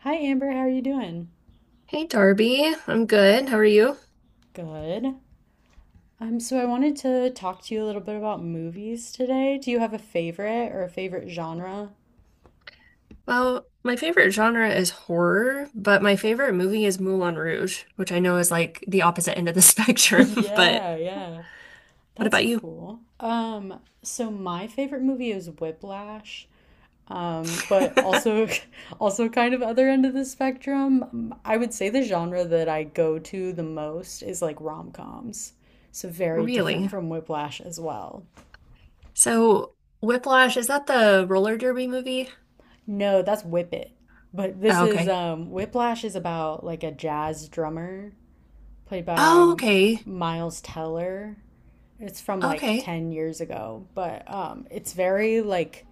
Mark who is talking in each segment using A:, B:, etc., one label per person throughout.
A: Hi, Amber. How are you doing?
B: Hey Darby, I'm good. How are you?
A: Good. So I wanted to talk to you a little bit about movies today. Do you have a favorite or a favorite genre?
B: Well, my favorite genre is horror, but my favorite movie is Moulin Rouge, which I know is like the opposite end of the spectrum, but
A: Yeah, yeah.
B: what
A: That's
B: about you?
A: cool. So my favorite movie is Whiplash, but also also kind of other end of the spectrum. I would say the genre that I go to the most is like rom-coms. So very different
B: Really?
A: from Whiplash as well.
B: So, Whiplash, is that the roller derby movie?
A: No, that's Whip It. But this
B: Oh,
A: is
B: okay.
A: Whiplash is about like a jazz drummer played by
B: Oh, okay.
A: Miles Teller. It's from like
B: Okay.
A: 10 years ago, but it's very like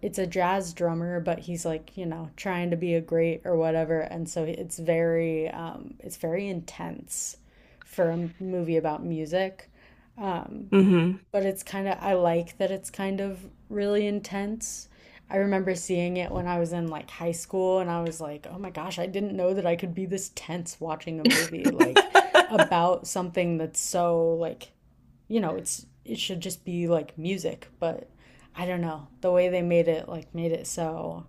A: it's a jazz drummer, but he's like, you know, trying to be a great or whatever, and so it's very intense for a movie about music. Um
B: Hmm.
A: but it's I like that it's kind of really intense. I remember seeing it when I was in like high school and I was like, "Oh my gosh, I didn't know that I could be this tense watching a movie like about something that's so like, you know, it should just be like music, but I don't know. The way they made it like made it so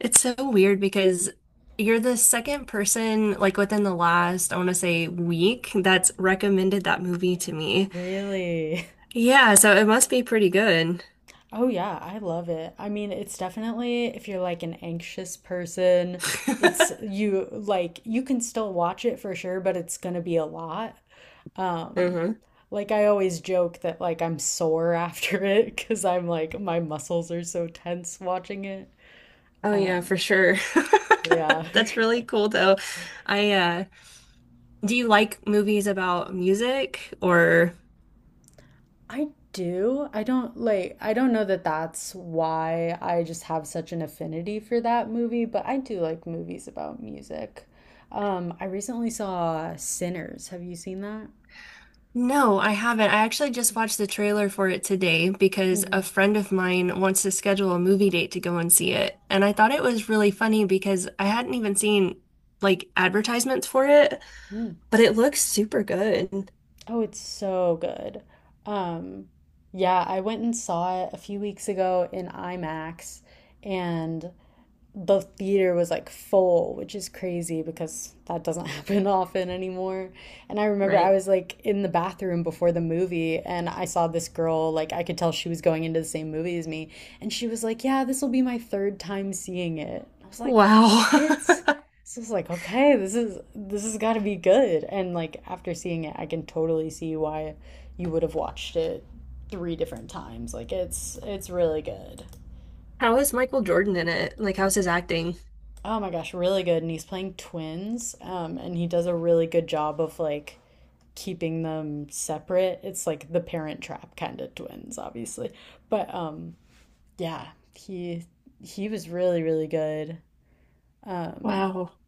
B: It's so weird because you're the second person, like within the last, I want to say, week that's recommended that movie to me.
A: really."
B: Yeah, so it must be pretty good.
A: Oh yeah, I love it. I mean, it's definitely if you're like an anxious person, it's you can still watch it for sure, but it's gonna be a lot. Um,
B: hmm
A: like I always joke that like I'm sore after it because I'm like my muscles are so tense watching it.
B: Oh yeah, for
A: Um,
B: sure.
A: yeah.
B: That's really cool though. I do you like movies about music or
A: I do. I don't know that that's why I just have such an affinity for that movie, but I do like movies about music. I recently saw Sinners. Have you seen that?
B: No, I haven't. I actually just watched the trailer for it today because
A: Mm-hmm.
B: a friend of mine wants to schedule a movie date to go and see it. And I thought it was really funny because I hadn't even seen like advertisements for it, but it looks super good.
A: Oh, it's so good. Um, yeah, I went and saw it a few weeks ago in IMAX and the theater was like full, which is crazy because that doesn't happen often anymore. And I remember I
B: Right.
A: was like in the bathroom before the movie and I saw this girl, like I could tell she was going into the same movie as me. And she was like, "Yeah, this will be my third time seeing it." I was like,
B: Wow.
A: "What?" So I was like, "Okay, this has gotta be good." And like after seeing it, I can totally see why you would have watched it three different times. Like it's really good.
B: How is Michael Jordan in it? Like, how's his acting?
A: Oh my gosh, really good. And he's playing twins, and he does a really good job of like keeping them separate. It's like the Parent Trap kind of twins, obviously. But yeah, he he was really really good. Um,
B: Wow.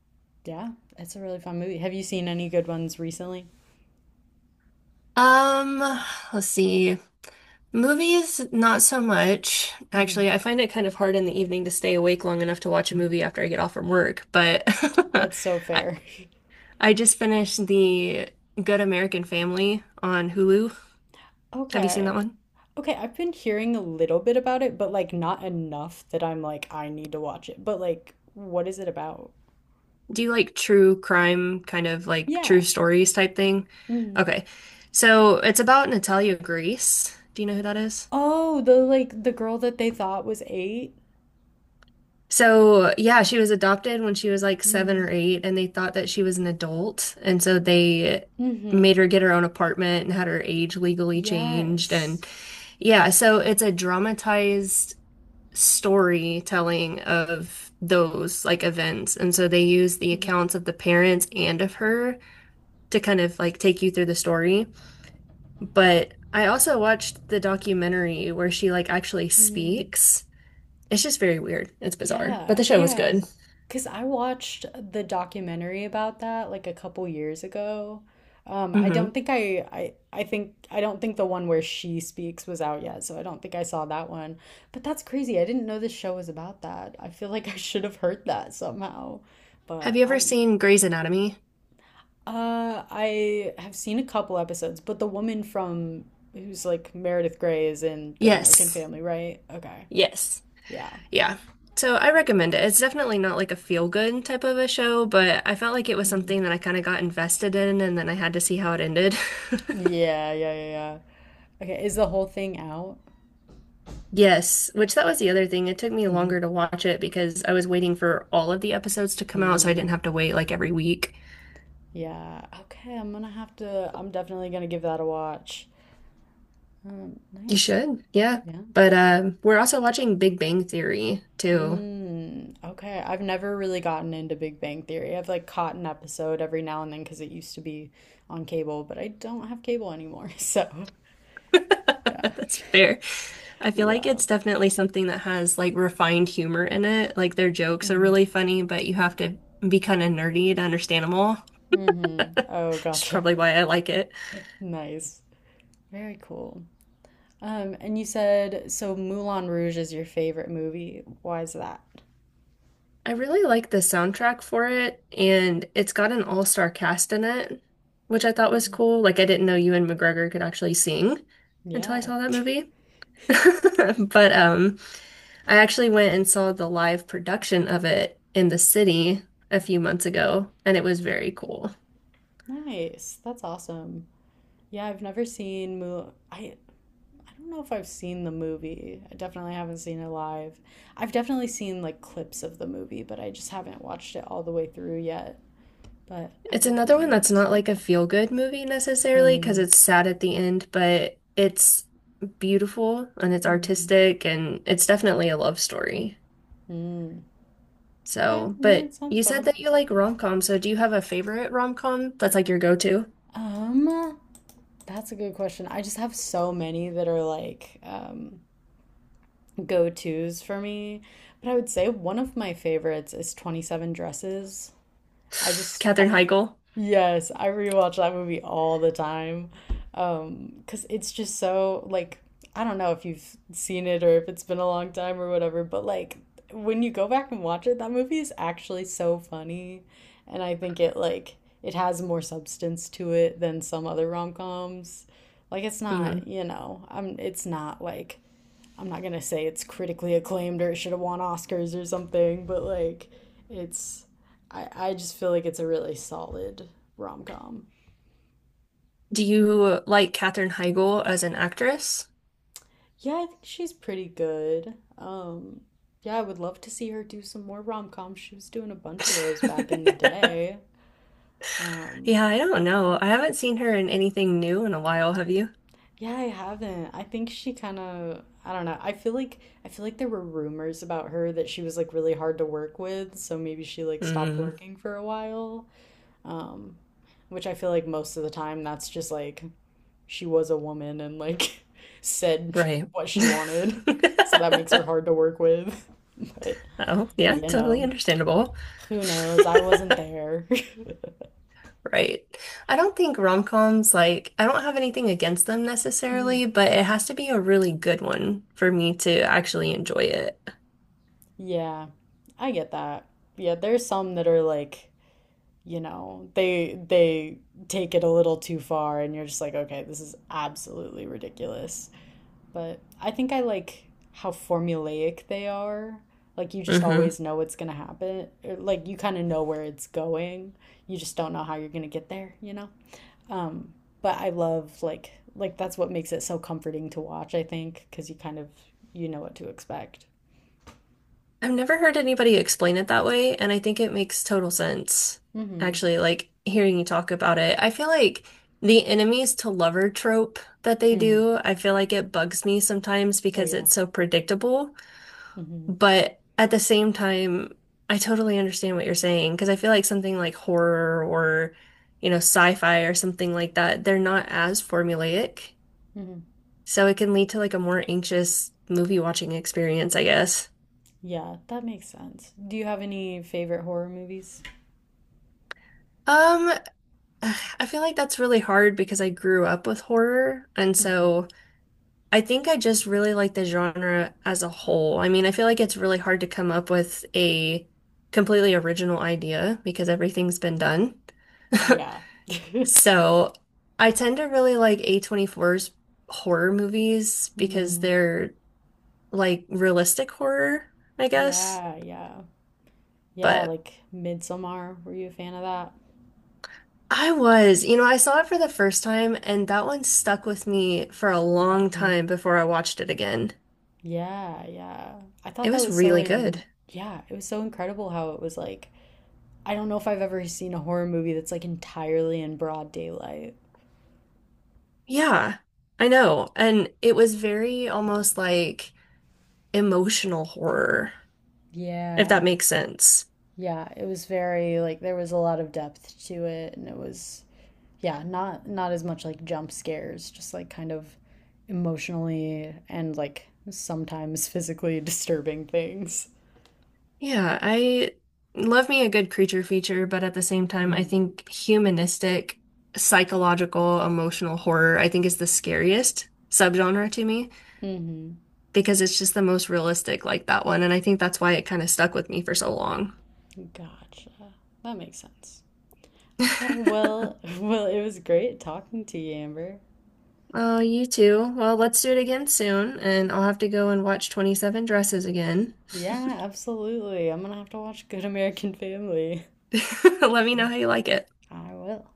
A: Yeah, it's a really fun movie. Have you seen any good ones recently?
B: Um, let's see. Movies, not so much.
A: Hmm,
B: Actually, I find it kind of hard in the evening to stay awake long enough to watch a movie after I get off from work, but
A: that's so
B: I
A: fair.
B: I just finished the Good American Family on Hulu. Have you seen that
A: Okay.
B: one?
A: Okay, I've been hearing a little bit about it, but like not enough that I'm like I need to watch it. But like what is it about?
B: Do you like true crime, kind of like true
A: Yeah.
B: stories type thing?
A: Hmm.
B: Okay. So it's about Natalia Grace. Do you know who that is?
A: Oh, the like the girl that they thought was eight.
B: So, yeah, she was adopted when she was like seven
A: Mm-hmm.
B: or eight, and they thought that she was an adult. And so they
A: Mm-hmm.
B: made her get her own apartment and had her age legally changed.
A: Yes.
B: And yeah, so it's a dramatized storytelling of those like events. And so they use the
A: Mm-hmm.
B: accounts of the parents and of her to kind of like take you through the story. But I also watched the documentary where she like actually
A: Mm-hmm.
B: speaks. It's just very weird. It's bizarre, but
A: Yeah.
B: the show was
A: Yeah.
B: good.
A: Because I watched the documentary about that like a couple years ago. I think I don't think the one where she speaks was out yet, so I don't think I saw that one. But that's crazy. I didn't know this show was about that. I feel like I should have heard that somehow.
B: Have
A: But
B: you ever
A: I'm
B: seen Grey's Anatomy?
A: uh, I have seen a couple episodes, but the woman from who's like Meredith Grey is in Good American
B: Yes.
A: Family, right? Okay.
B: Yes.
A: Yeah.
B: Yeah. So I recommend it. It's definitely not like a feel good type of a show, but I felt like it was
A: Mhm.
B: something that I kind of got invested in and then I had to see how it ended.
A: Yeah, yeah, yeah, yeah. Okay, is the whole thing out?
B: Yes, which that was the other thing. It took me
A: Hmm.
B: longer to watch it because I was waiting for all of the episodes to come out, so I
A: Mm,
B: didn't have to wait like every week.
A: yeah. Okay, I'm definitely gonna give that a watch. Um,
B: You
A: nice.
B: should, yeah.
A: Yeah.
B: But we're also watching Big Bang Theory too.
A: Mm, okay. I've never really gotten into Big Bang Theory. I've like caught an episode every now and then because it used to be on cable, but I don't have cable anymore, so yeah.
B: That's fair. I feel like
A: Yeah.
B: it's definitely something that has like refined humor in it. Like their jokes are really funny, but you have to be kind of nerdy to understand them all, which
A: Mm-hmm. Oh,
B: is
A: gotcha.
B: probably why I like it.
A: Nice. Very cool. And you said so Moulin Rouge is your favorite movie. Why is that?
B: I really like the soundtrack for it, and it's got an all-star cast in it, which I thought was
A: Mhm.
B: cool. Like I didn't know Ewan McGregor could actually sing until I
A: Yeah.
B: saw that movie. But I actually went and saw the live production of it in the city a few months ago, and it was very cool.
A: Nice. That's awesome. Yeah, I've never seen Moulin. I don't know if I've seen the movie. I definitely haven't seen it live. I've definitely seen like clips of the movie, but I just haven't watched it all the way through yet. But I
B: It's another
A: definitely
B: one that's
A: need to
B: not
A: do
B: like a
A: that.
B: feel-good movie necessarily because
A: Mm-hmm.
B: it's sad at the end, but it's beautiful and it's
A: Mm-hmm.
B: artistic and it's definitely a love story.
A: Mm. Okay.
B: So,
A: Yeah, it
B: but
A: sounds
B: you said
A: fun.
B: that you like rom-com, so do you have a favorite rom-com that's like your go-to?
A: Um, that's a good question. I just have so many that are like go-tos for me. But I would say one of my favorites is 27 Dresses. I just I
B: Katherine Heigl.
A: yes, I rewatch that movie all the time. 'Cause it's just so like I don't know if you've seen it or if it's been a long time or whatever, but like when you go back and watch it, that movie is actually so funny. And I think it like it has more substance to it than some other rom-coms. Like it's not,
B: hmm
A: you know, it's not like I'm not gonna say it's critically acclaimed or it should have won Oscars or something, but like it's I just feel like it's a really solid rom com.
B: Do you like Katherine Heigl as an actress?
A: Yeah, I think she's pretty good. Yeah, I would love to see her do some more rom coms. She was doing a bunch of those back in the day. Um
B: Yeah, I don't know. I haven't seen her in anything new in a while, have you?
A: yeah, I haven't. I think she kind of I don't know. I feel like there were rumors about her that she was like really hard to work with, so maybe she like stopped
B: Mm,
A: working for a while. um, which I feel like most of the time that's just like she was a woman and like said
B: right.
A: what she wanted, so that makes her hard to work with. But
B: Oh, yeah,
A: you
B: totally
A: know,
B: understandable.
A: who knows? I wasn't there.
B: Right. I don't think rom-coms, like, I don't have anything against them necessarily, but it has to be a really good one for me to actually enjoy it.
A: Yeah, I get that. Yeah, there's some that are like, you know, they take it a little too far and you're just like, okay, this is absolutely ridiculous. But I think I like how formulaic they are. Like you just
B: hmm
A: always know what's gonna happen. Or, like you kind of know where it's going. You just don't know how you're gonna get there, you know? Um, but I love like that's what makes it so comforting to watch, I think, because you kind of you know what to expect.
B: I've never heard anybody explain it that way, and I think it makes total sense.
A: Mm-hmm.
B: Actually, like hearing you talk about it, I feel like the enemies to lover trope that they
A: Mm-hmm.
B: do, I feel like it bugs me sometimes
A: Oh
B: because
A: yeah.
B: it's so predictable.
A: Mm-hmm.
B: But at the same time, I totally understand what you're saying because I feel like something like horror or, you know, sci-fi or something like that, they're not as formulaic.
A: Mm-hmm.
B: So it can lead to like a more anxious movie watching experience, I guess.
A: Yeah, that makes sense. Do you have any favorite horror movies?
B: Um, I feel like that's really hard because I grew up with horror, and
A: Mm-hmm.
B: so I think I just really like the genre as a whole. I mean, I feel like it's really hard to come up with a completely original idea because everything's been done.
A: Yeah.
B: So I tend to really like a A24's horror movies because
A: Mm-hmm.
B: they're like realistic horror, I guess.
A: Yeah, yeah. Yeah,
B: But
A: like Midsommar. Were you a fan of that?
B: I was, you know, I saw it for the first time and that one stuck with me for a long time
A: Mhm.
B: before I watched it again.
A: Yeah, yeah. I thought
B: It
A: that
B: was
A: was so
B: really
A: in,
B: good.
A: yeah, it was so incredible how it was like, I don't know if I've ever seen a horror movie that's like entirely in broad daylight.
B: Yeah, I know. And it was very almost like emotional horror, if that
A: Yeah.
B: makes sense.
A: Yeah, it was very like there was a lot of depth to it and it was yeah, not as much like jump scares, just like kind of emotionally and like sometimes physically disturbing things.
B: Yeah, I love me a good creature feature, but at the same time, I think humanistic, psychological, emotional horror, I think is the scariest subgenre to me
A: Mm-hmm.
B: because it's just the most realistic, like that one. And I think that's why it kind of stuck with me for so long.
A: Gotcha. That makes sense. Okay, well, well, it was great talking to you, Amber.
B: Oh, you too. Well, let's do it again soon, and I'll have to go and watch 27 Dresses again.
A: Yeah, absolutely. I'm gonna have to watch Good American Family.
B: Let me know how you like it.
A: I will.